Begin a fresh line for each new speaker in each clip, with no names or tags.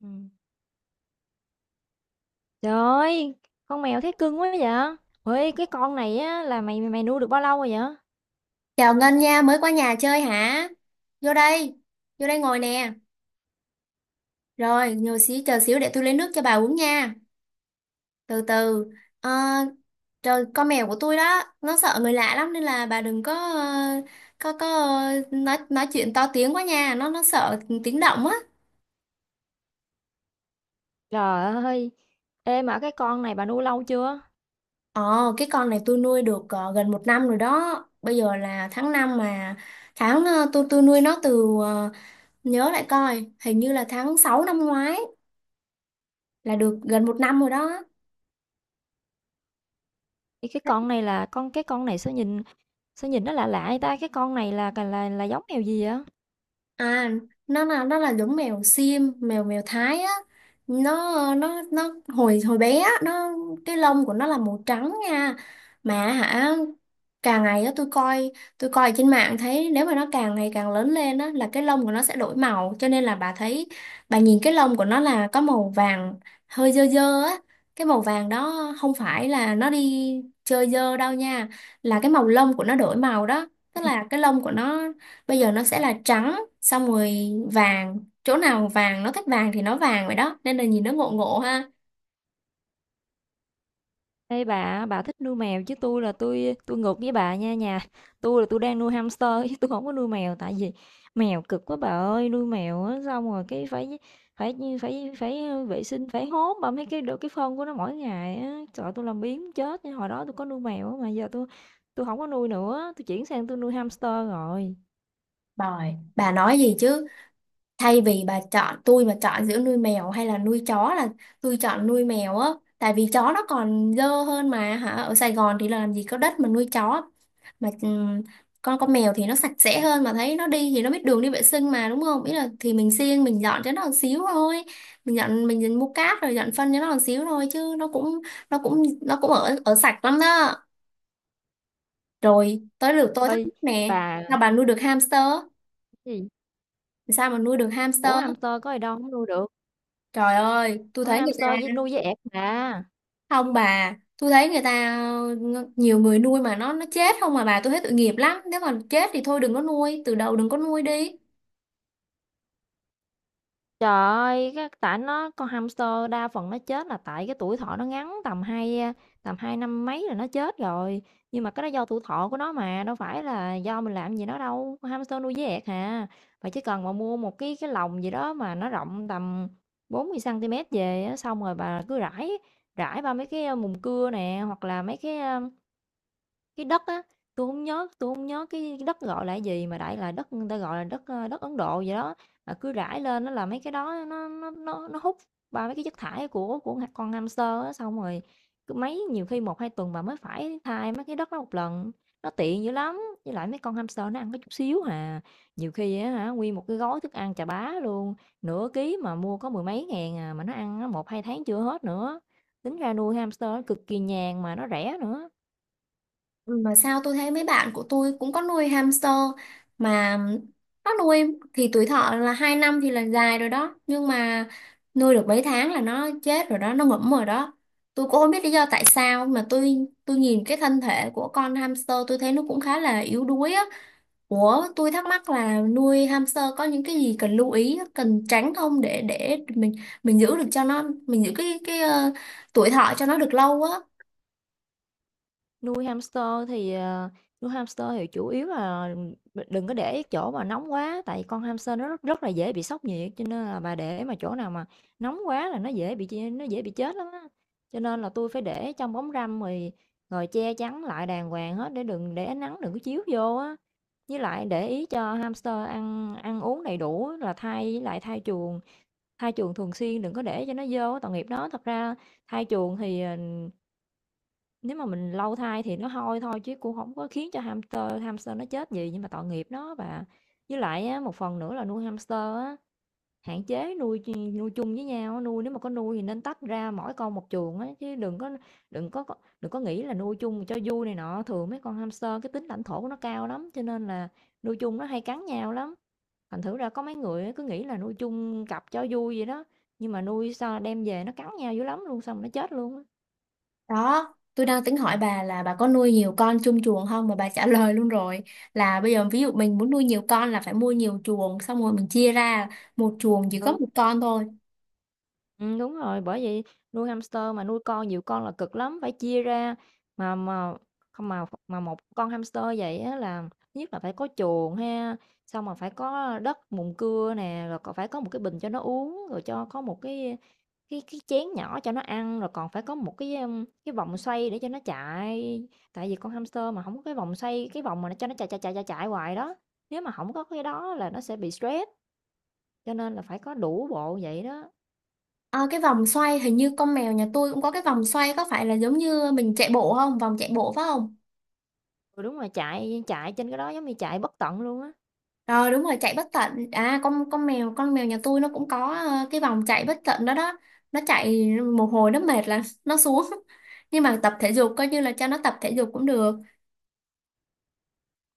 Ừm. Trời ơi! Con mèo thấy cưng quá vậy! Ê, cái con này á là mày mày nuôi được bao lâu rồi vậy?
Chào Ngân nha, mới qua nhà chơi hả? Vô đây, vô đây ngồi nè. Rồi, ngồi xíu, chờ xíu để tôi lấy nước cho bà uống nha. Từ từ, Ờ, trời, con mèo của tôi đó, nó sợ người lạ lắm nên là bà đừng có có nói chuyện to tiếng quá nha, nó sợ tiếng động á.
Trời ơi! Ê, mà cái con này bà nuôi lâu chưa?
Ờ, cái con này tôi nuôi được gần một năm rồi đó. Bây giờ là tháng 5 mà tháng tôi nuôi nó từ nhớ lại coi, hình như là tháng 6 năm ngoái, là được gần một năm rồi đó.
Ê, cái con này là con này sao nhìn nó lạ lạ vậy ta? Cái con này là giống mèo gì vậy?
À, nó là giống mèo xiêm, mèo mèo Thái á. Nó hồi hồi bé á, nó cái lông của nó là màu trắng nha. Mà hả, càng ngày á tôi coi trên mạng thấy nếu mà nó càng ngày càng lớn lên á là cái lông của nó sẽ đổi màu, cho nên là bà thấy, bà nhìn cái lông của nó là có màu vàng hơi dơ dơ á. Cái màu vàng đó không phải là nó đi chơi dơ đâu nha, là cái màu lông của nó đổi màu đó. Tức là cái lông của nó bây giờ nó sẽ là trắng, xong rồi vàng chỗ nào vàng, nó thích vàng thì nó vàng vậy đó, nên là nhìn nó ngộ ngộ ha.
Ê bà thích nuôi mèo chứ tôi là tôi ngược với bà nha nhà. Tôi là tôi đang nuôi hamster chứ tôi không có nuôi mèo, tại vì mèo cực quá bà ơi. Nuôi mèo á, xong rồi cái phải phải phải phải vệ sinh, phải hốt bà mấy cái được cái phân của nó mỗi ngày á. Trời ơi, tôi làm biếng chết nha. Hồi đó tôi có nuôi mèo á, mà giờ tôi không có nuôi nữa, tôi chuyển sang tôi nuôi hamster rồi.
Rồi bà nói gì chứ, thay vì bà chọn, tôi mà chọn giữa nuôi mèo hay là nuôi chó là tôi chọn nuôi mèo á, tại vì chó nó còn dơ hơn mà hả, ở Sài Gòn thì làm gì có đất mà nuôi chó. Mà con mèo thì nó sạch sẽ hơn mà, thấy nó đi thì nó biết đường đi vệ sinh mà đúng không, ý là thì mình siêng mình dọn cho nó một xíu thôi, mình dọn mình mua cát rồi dọn phân cho nó một xíu thôi chứ nó cũng ở ở sạch lắm đó. Rồi tới lượt tôi thắc
Ơi
mắc nè,
bà,
sao bà nuôi được hamster?
cái gì?
Sao mà nuôi được hamster?
Ủa hamster có gì đâu không nuôi được.
Trời ơi tôi
Con
thấy người
hamster với
ta,
nuôi với ẹt bà.
không bà, tôi thấy người ta nhiều người nuôi mà nó chết không mà bà, tôi thấy tội nghiệp lắm, nếu mà chết thì thôi đừng có nuôi, từ đầu đừng có nuôi đi.
Trời ơi, cái tại nó, con hamster đa phần nó chết là tại cái tuổi thọ nó ngắn, tầm hai năm mấy là nó chết rồi. Nhưng mà cái đó do tuổi thọ của nó mà, đâu phải là do mình làm gì nó đâu, con hamster nuôi dễ ẹc hà. Bạn chỉ cần mà mua một cái lồng gì đó mà nó rộng tầm 40 cm về á, xong rồi bà rải ba mấy cái, mùng cưa nè, hoặc là mấy cái đất á, tôi không nhớ cái đất gọi là cái gì, mà đại là đất người ta gọi là đất, đất Ấn Độ gì đó, mà cứ rải lên nó là mấy cái đó nó hút ba mấy cái chất thải của con hamster á. Xong rồi cứ mấy nhiều khi một 2 tuần bà mới phải thay mấy cái đất đó một lần, nó tiện dữ lắm. Với lại mấy con hamster nó ăn có chút xíu hà, nhiều khi á hả, nguyên một cái gói thức ăn chà bá luôn, nửa ký mà mua có mười mấy ngàn à, mà nó ăn á một 2 tháng chưa hết nữa. Tính ra nuôi hamster cực kỳ nhàn mà nó rẻ nữa.
Ừ. Mà sao tôi thấy mấy bạn của tôi cũng có nuôi hamster mà nó nuôi thì tuổi thọ là 2 năm thì là dài rồi đó, nhưng mà nuôi được mấy tháng là nó chết rồi đó, nó ngủm rồi đó. Tôi cũng không biết lý do tại sao mà tôi nhìn cái thân thể của con hamster tôi thấy nó cũng khá là yếu đuối á. Ủa tôi thắc mắc là nuôi hamster có những cái gì cần lưu ý, cần tránh không, để mình giữ được cho nó, mình giữ cái tuổi thọ cho nó được lâu á.
Nuôi hamster thì, ờ, Nuôi hamster thì chủ yếu là đừng có để chỗ mà nóng quá, tại con hamster nó rất rất là dễ bị sốc nhiệt, cho nên là bà để mà chỗ nào mà nóng quá là nó dễ bị ch nó dễ bị chết lắm á. Cho nên là tôi phải để trong bóng râm, rồi rồi che chắn lại đàng hoàng hết để đừng để ánh nắng đừng có chiếu vô á. Với lại để ý cho hamster ăn ăn uống đầy đủ á, là thay với lại thay chuồng thường xuyên, đừng có để cho nó vô á, tội nghiệp nó. Thật ra thay chuồng thì, nếu mà mình lâu thai thì nó hôi thôi, chứ cũng không có khiến cho hamster hamster nó chết gì, nhưng mà tội nghiệp nó. Và với lại á, một phần nữa là nuôi hamster á, hạn chế nuôi chung với nhau á, nuôi nếu mà có nuôi thì nên tách ra mỗi con một chuồng á, chứ đừng có đừng có nghĩ là nuôi chung cho vui này nọ. Thường mấy con hamster cái tính lãnh thổ của nó cao lắm, cho nên là nuôi chung nó hay cắn nhau lắm. Thành thử ra có mấy người á, cứ nghĩ là nuôi chung cặp cho vui vậy đó, nhưng mà nuôi sao đem về nó cắn nhau dữ lắm luôn, xong rồi nó chết luôn á.
Đó, tôi đang tính hỏi bà là bà có nuôi nhiều con chung chuồng không, mà bà trả lời luôn rồi, là bây giờ ví dụ mình muốn nuôi nhiều con là phải mua nhiều chuồng, xong rồi mình chia ra một chuồng chỉ có
Ừ.
một con thôi.
Đúng rồi, bởi vậy nuôi hamster mà nuôi con nhiều con là cực lắm, phải chia ra. Mà không mà mà một con hamster vậy á là thứ nhất là phải có chuồng ha, xong rồi phải có đất mùn cưa nè, rồi còn phải có một cái bình cho nó uống, rồi cho có một cái cái chén nhỏ cho nó ăn, rồi còn phải có một cái, cái vòng xoay để cho nó chạy. Tại vì con hamster mà không có cái vòng xoay, cái vòng mà nó cho nó chạy, chạy, chạy, chạy, chạy hoài đó, nếu mà không có cái đó là nó sẽ bị stress, cho nên là phải có đủ bộ vậy đó.
Ờ, cái vòng xoay hình như con mèo nhà tôi cũng có cái vòng xoay, có phải là giống như mình chạy bộ không? Vòng chạy bộ phải không?
Ừ, đúng rồi, chạy chạy trên cái đó giống như chạy bất tận luôn á.
Rồi đúng rồi, chạy bất tận. À, con mèo nhà tôi nó cũng có cái vòng chạy bất tận đó đó. Nó chạy một hồi nó mệt là nó xuống. Nhưng mà tập thể dục coi như là cho nó tập thể dục cũng được.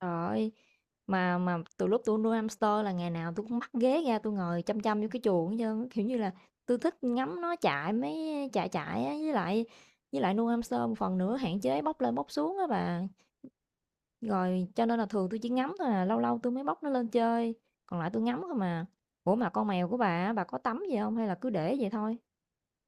Trời ơi, mà từ lúc tôi nuôi hamster là ngày nào tôi cũng bắt ghế ra tôi ngồi chăm chăm vô cái chuồng hết trơn á, kiểu như là, tôi thích ngắm nó chạy mấy chạy chạy á, với lại nuôi hamster một phần nữa hạn chế bốc lên bốc xuống á bà. Rồi cho nên là thường tôi chỉ ngắm thôi à, lâu lâu tôi mới bốc nó lên chơi, còn lại tôi ngắm thôi mà. Ủa, mà con mèo của bà á, bà có tắm gì không hay là cứ để vậy thôi?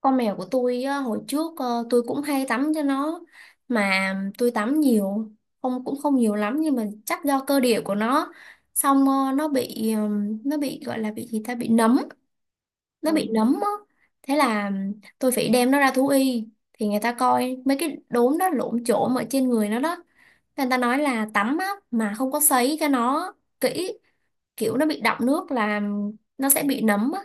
Con mèo của tôi á, hồi trước tôi cũng hay tắm cho nó, mà tôi tắm nhiều, không cũng không nhiều lắm, nhưng mà chắc do cơ địa của nó, xong nó bị gọi là bị gì ta, bị nấm, nó bị
Ừ.
nấm á. Thế là tôi phải đem nó ra thú y, thì người ta coi mấy cái đốm đó lổm chổm ở trên người nó đó, người ta nói là tắm á mà không có sấy cho nó kỹ, kiểu nó bị đọng nước là nó sẽ bị nấm á.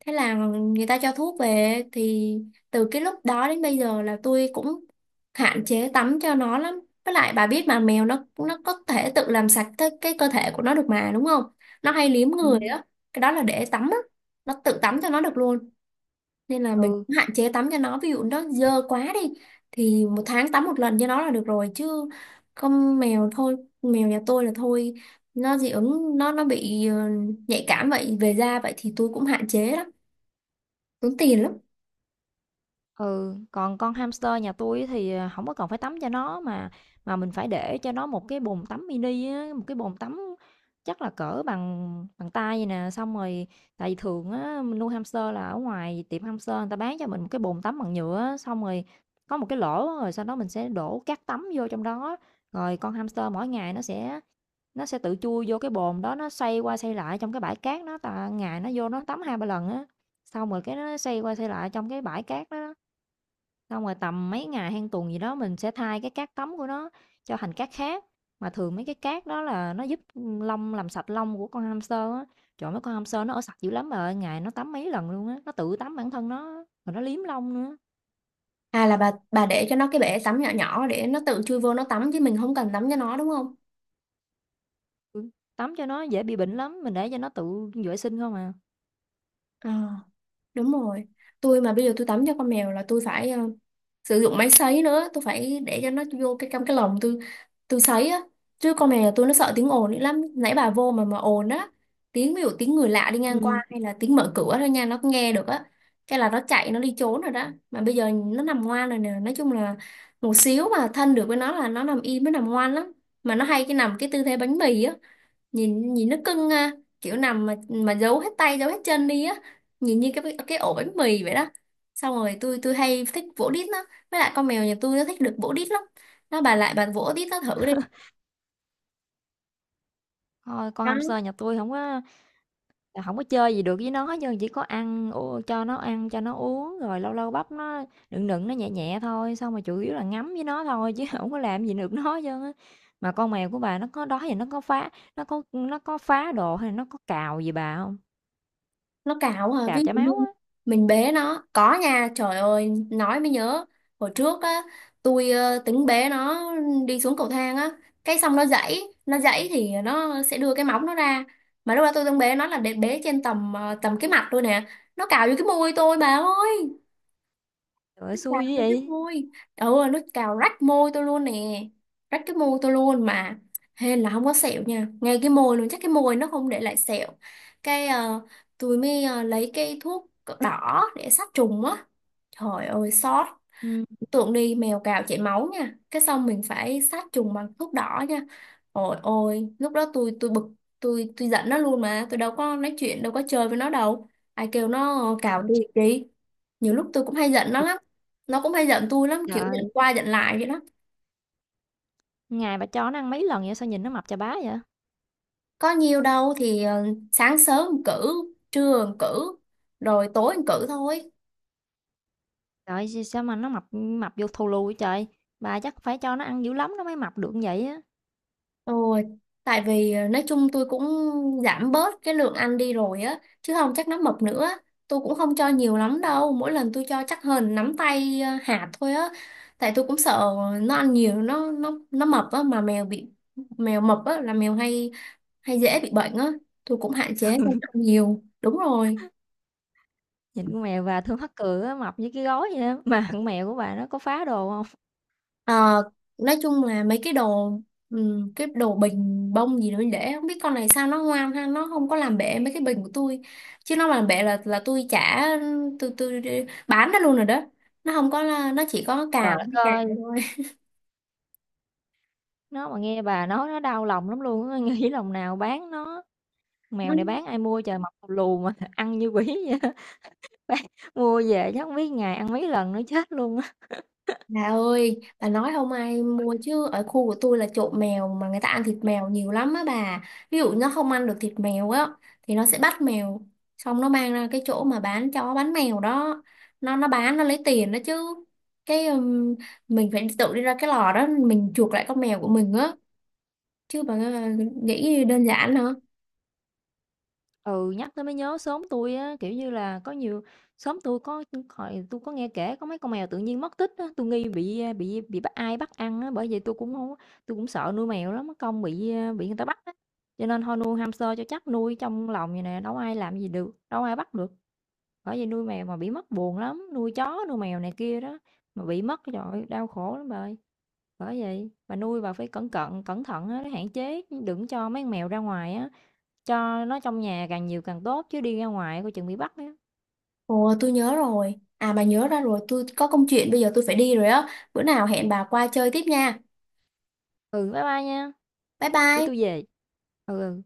Thế là người ta cho thuốc về, thì từ cái lúc đó đến bây giờ là tôi cũng hạn chế tắm cho nó lắm, với lại bà biết mà mèo nó có thể tự làm sạch cái, cơ thể của nó được mà đúng không? Nó hay liếm người
Ừm.
á, cái đó là để tắm á, nó tự tắm cho nó được luôn, nên là mình
Ừ.
cũng hạn chế tắm cho nó. Ví dụ nó dơ quá đi thì một tháng tắm một lần cho nó là được rồi, chứ không mèo, thôi mèo nhà tôi là thôi, nó dị ứng, nó bị nhạy cảm vậy về da vậy thì tôi cũng hạn chế lắm, tốn tiền lắm.
Ừ, còn con hamster nhà tôi á thì, ờ, hổng có cần phải tắm cho nó, mà mình phải để cho nó một cái bồn tắm mini á, một cái bồn tắm chắc là cỡ bằng bằng tay vậy nè, xong rồi tại vì thường á mình nuôi hamster là ở ngoài tiệm hamster người ta bán cho mình một cái bồn tắm bằng nhựa á, xong rồi có một cái lỗ á, rồi sau đó mình sẽ đổ cát tắm vô trong đó, rồi con hamster mỗi ngày nó sẽ tự chui vô cái bồn đó, nó xoay qua xoay lại trong cái bãi cát đó, tại ngày nó vô nó tắm hai ba lần á, xong rồi cái nó xoay qua xoay lại trong cái bãi cát đó. Xong rồi tầm mấy ngày hay tuần gì đó mình sẽ thay cái cát tắm của nó cho thành cát khác. Mà thường mấy cái cát đó là nó giúp làm sạch lông của con hamster á. Trời mấy con hamster nó ở sạch dữ lắm bà ơi, ngày nó tắm mấy lần luôn á, nó tự tắm bản thân nó á, rồi nó liếm lông nữa.
À là bà để cho nó cái bể tắm nhỏ nhỏ để nó tự chui vô nó tắm chứ mình không cần tắm cho nó đúng không?
Ừ, tắm cho nó dễ bị bệnh lắm, mình để cho nó tự vệ sinh không à.
Ờ, đúng rồi, tôi mà bây giờ tôi tắm cho con mèo là tôi phải sử dụng máy sấy nữa, tôi phải để cho nó vô cái, trong cái lồng, tôi sấy á, chứ con này là tôi, nó sợ tiếng ồn nữa lắm, nãy bà vô mà ồn á, tiếng, ví dụ tiếng người lạ đi ngang
Ừ.
qua hay là tiếng mở cửa thôi nha, nó cũng nghe được á, cái là nó chạy, nó đi trốn rồi đó. Mà bây giờ nó nằm ngoan rồi nè, nói chung là một xíu mà thân được với nó là nó nằm im, nó nằm ngoan lắm. Mà nó hay cái nằm cái tư thế bánh mì á, nhìn nhìn nó cưng ha, kiểu nằm mà giấu hết tay giấu hết chân đi á, nhìn như cái ổ bánh mì vậy đó. Xong rồi tôi hay thích vỗ đít nó, với lại con mèo nhà tôi nó thích được vỗ đít lắm, nó bà lại bà vỗ đít nó thử đi.
Thôi con
Đó,
hamster nhà tôi không có. Là hổng có chơi gì được với nó hết trơn, chỉ có ăn u cho nó ăn, cho nó uống, rồi lâu lâu bắp nó, nựng nựng nó nhẹ nhẹ thôi, xong rồi chủ yếu là ngắm với nó thôi chứ hổng có làm gì được nó hết trơn á. Mà con mèo của bà nó có đó giờ nó có phá đồ hay là nó có cào gì bà hông?
nó cào à, ví
Cào
dụ
chảy
như
máu á.
mình bế nó có nha. Trời ơi, nói mới nhớ, hồi trước á, tôi tính bế nó đi xuống cầu thang á, cái xong nó giãy, nó giãy thì nó sẽ đưa cái móng nó ra. Mà lúc đó tôi đang bế nó là để bế trên tầm tầm cái mặt tôi nè, nó cào vô cái môi tôi bà ơi.
Trời ơi,
Nước cào
xui dữ
vô cái
vậy!
môi, ừ, nó cào rách môi tôi luôn nè, rách cái môi tôi luôn mà. Hên là không có sẹo nha, ngay cái môi luôn, chắc cái môi nó không để lại sẹo. Cái tôi mới lấy cái thuốc đỏ để sát trùng á, trời ơi xót.
Ừm.
Tượng đi mèo cào chảy máu nha, cái xong mình phải sát trùng bằng thuốc đỏ nha. Ôi ôi, lúc đó tôi bực, tôi giận nó luôn, mà tôi đâu có nói chuyện, đâu có chơi với nó đâu, ai kêu nó cào
Trời, chết
tôi chi. Nhiều lúc tôi cũng hay giận nó
thiệt
lắm, nó cũng hay giận tôi lắm, kiểu giận
trời!
qua giận lại vậy đó.
Ngày bà cho nó ăn mấy lần vậy, sao nhìn nó mập chà bá vậy?
Có nhiều đâu thì sáng sớm cử, trưa cử, rồi tối cử thôi.
Trời ơi, sao mà nó mập mập vô thù lù vậy trời? Bà chắc phải cho nó ăn dữ lắm nó mới mập được như vậy á.
Ôi, tại vì nói chung tôi cũng giảm bớt cái lượng ăn đi rồi á, chứ không chắc nó mập nữa. Tôi cũng không cho nhiều lắm đâu, mỗi lần tôi cho chắc hơn nắm tay hạt thôi á. Tại tôi cũng sợ nó ăn nhiều, nó mập á, mà mèo bị, mèo mập á là mèo hay hay dễ bị bệnh á. Tôi cũng hạn chế cho nó ăn nhiều. Đúng rồi.
Nhìn con mèo và Thương Hắc Cừ á, mập như cái gối vậy á, mà con mèo của bà nó có phá đồ hông?
Ờ, nói chung là mấy cái đồ bình bông gì đó mình để, không biết con này sao nó ngoan ha, nó không có làm bể mấy cái bình của tôi, chứ nó mà làm bể là tôi trả, tôi bán nó luôn rồi đó. Nó không có, nó chỉ có
Trời
cào
đất
cào
ơi,
thôi.
nó mà nghe bà nói nó đau lòng lắm luôn á, nghĩ lòng nào bán nó, mèo này bán ai mua trời, mập lù lù mà ăn như quỷ vậy á, bán mua về chắc hông biết ngày ăn mấy lần nữa chết luôn á.
Bà ơi, bà nói không ai mua chứ ở khu của tôi là trộm mèo, mà người ta ăn thịt mèo nhiều lắm á bà. Ví dụ nó không ăn được thịt mèo á thì nó sẽ bắt mèo, xong nó mang ra cái chỗ mà bán chó bán mèo đó. Nó bán nó lấy tiền đó chứ. Cái mình phải tự đi ra cái lò đó mình chuộc lại con mèo của mình á. Chứ bà nghĩ đơn giản hả?
Ừ, nhắc tới mới nhớ xóm tôi á, kiểu như là, có nhiều xóm tôi có hồi tôi có nghe kể có mấy con mèo tự nhiên mất tích á, tôi nghi bị, a, bị bắt, ai bắt ăn á, bởi vậy tôi cũng tui cũng sợ nuôi mèo lắm, mất công bị, a, bị người ta bắt á. Cho nên thôi nuôi hamster cho chắc, nuôi trong lòng vầy nè, đâu ai làm gì được, đâu ai bắt được. Bởi vậy nuôi mèo mà bị mất buồn lắm, nuôi chó, nuôi mèo này kia đó, mà bị mất, trời ơi, đau khổ lắm bà ơi. Bởi vậy bà nuôi bà phải cẩn cận, cẩn thận á, để hạn chế, đừng cho mấy con mèo ra ngoài á. Cho nó trong nhà càng nhiều càng tốt chứ đi ra ngoài coi chừng bị bắt á.
Ồ tôi nhớ rồi. À bà nhớ ra rồi, tôi có công chuyện bây giờ tôi phải đi rồi á. Bữa nào hẹn bà qua chơi tiếp nha.
Ừ, bye bye nha,
Bye
để
bye.
tôi về. Ừ, ừ.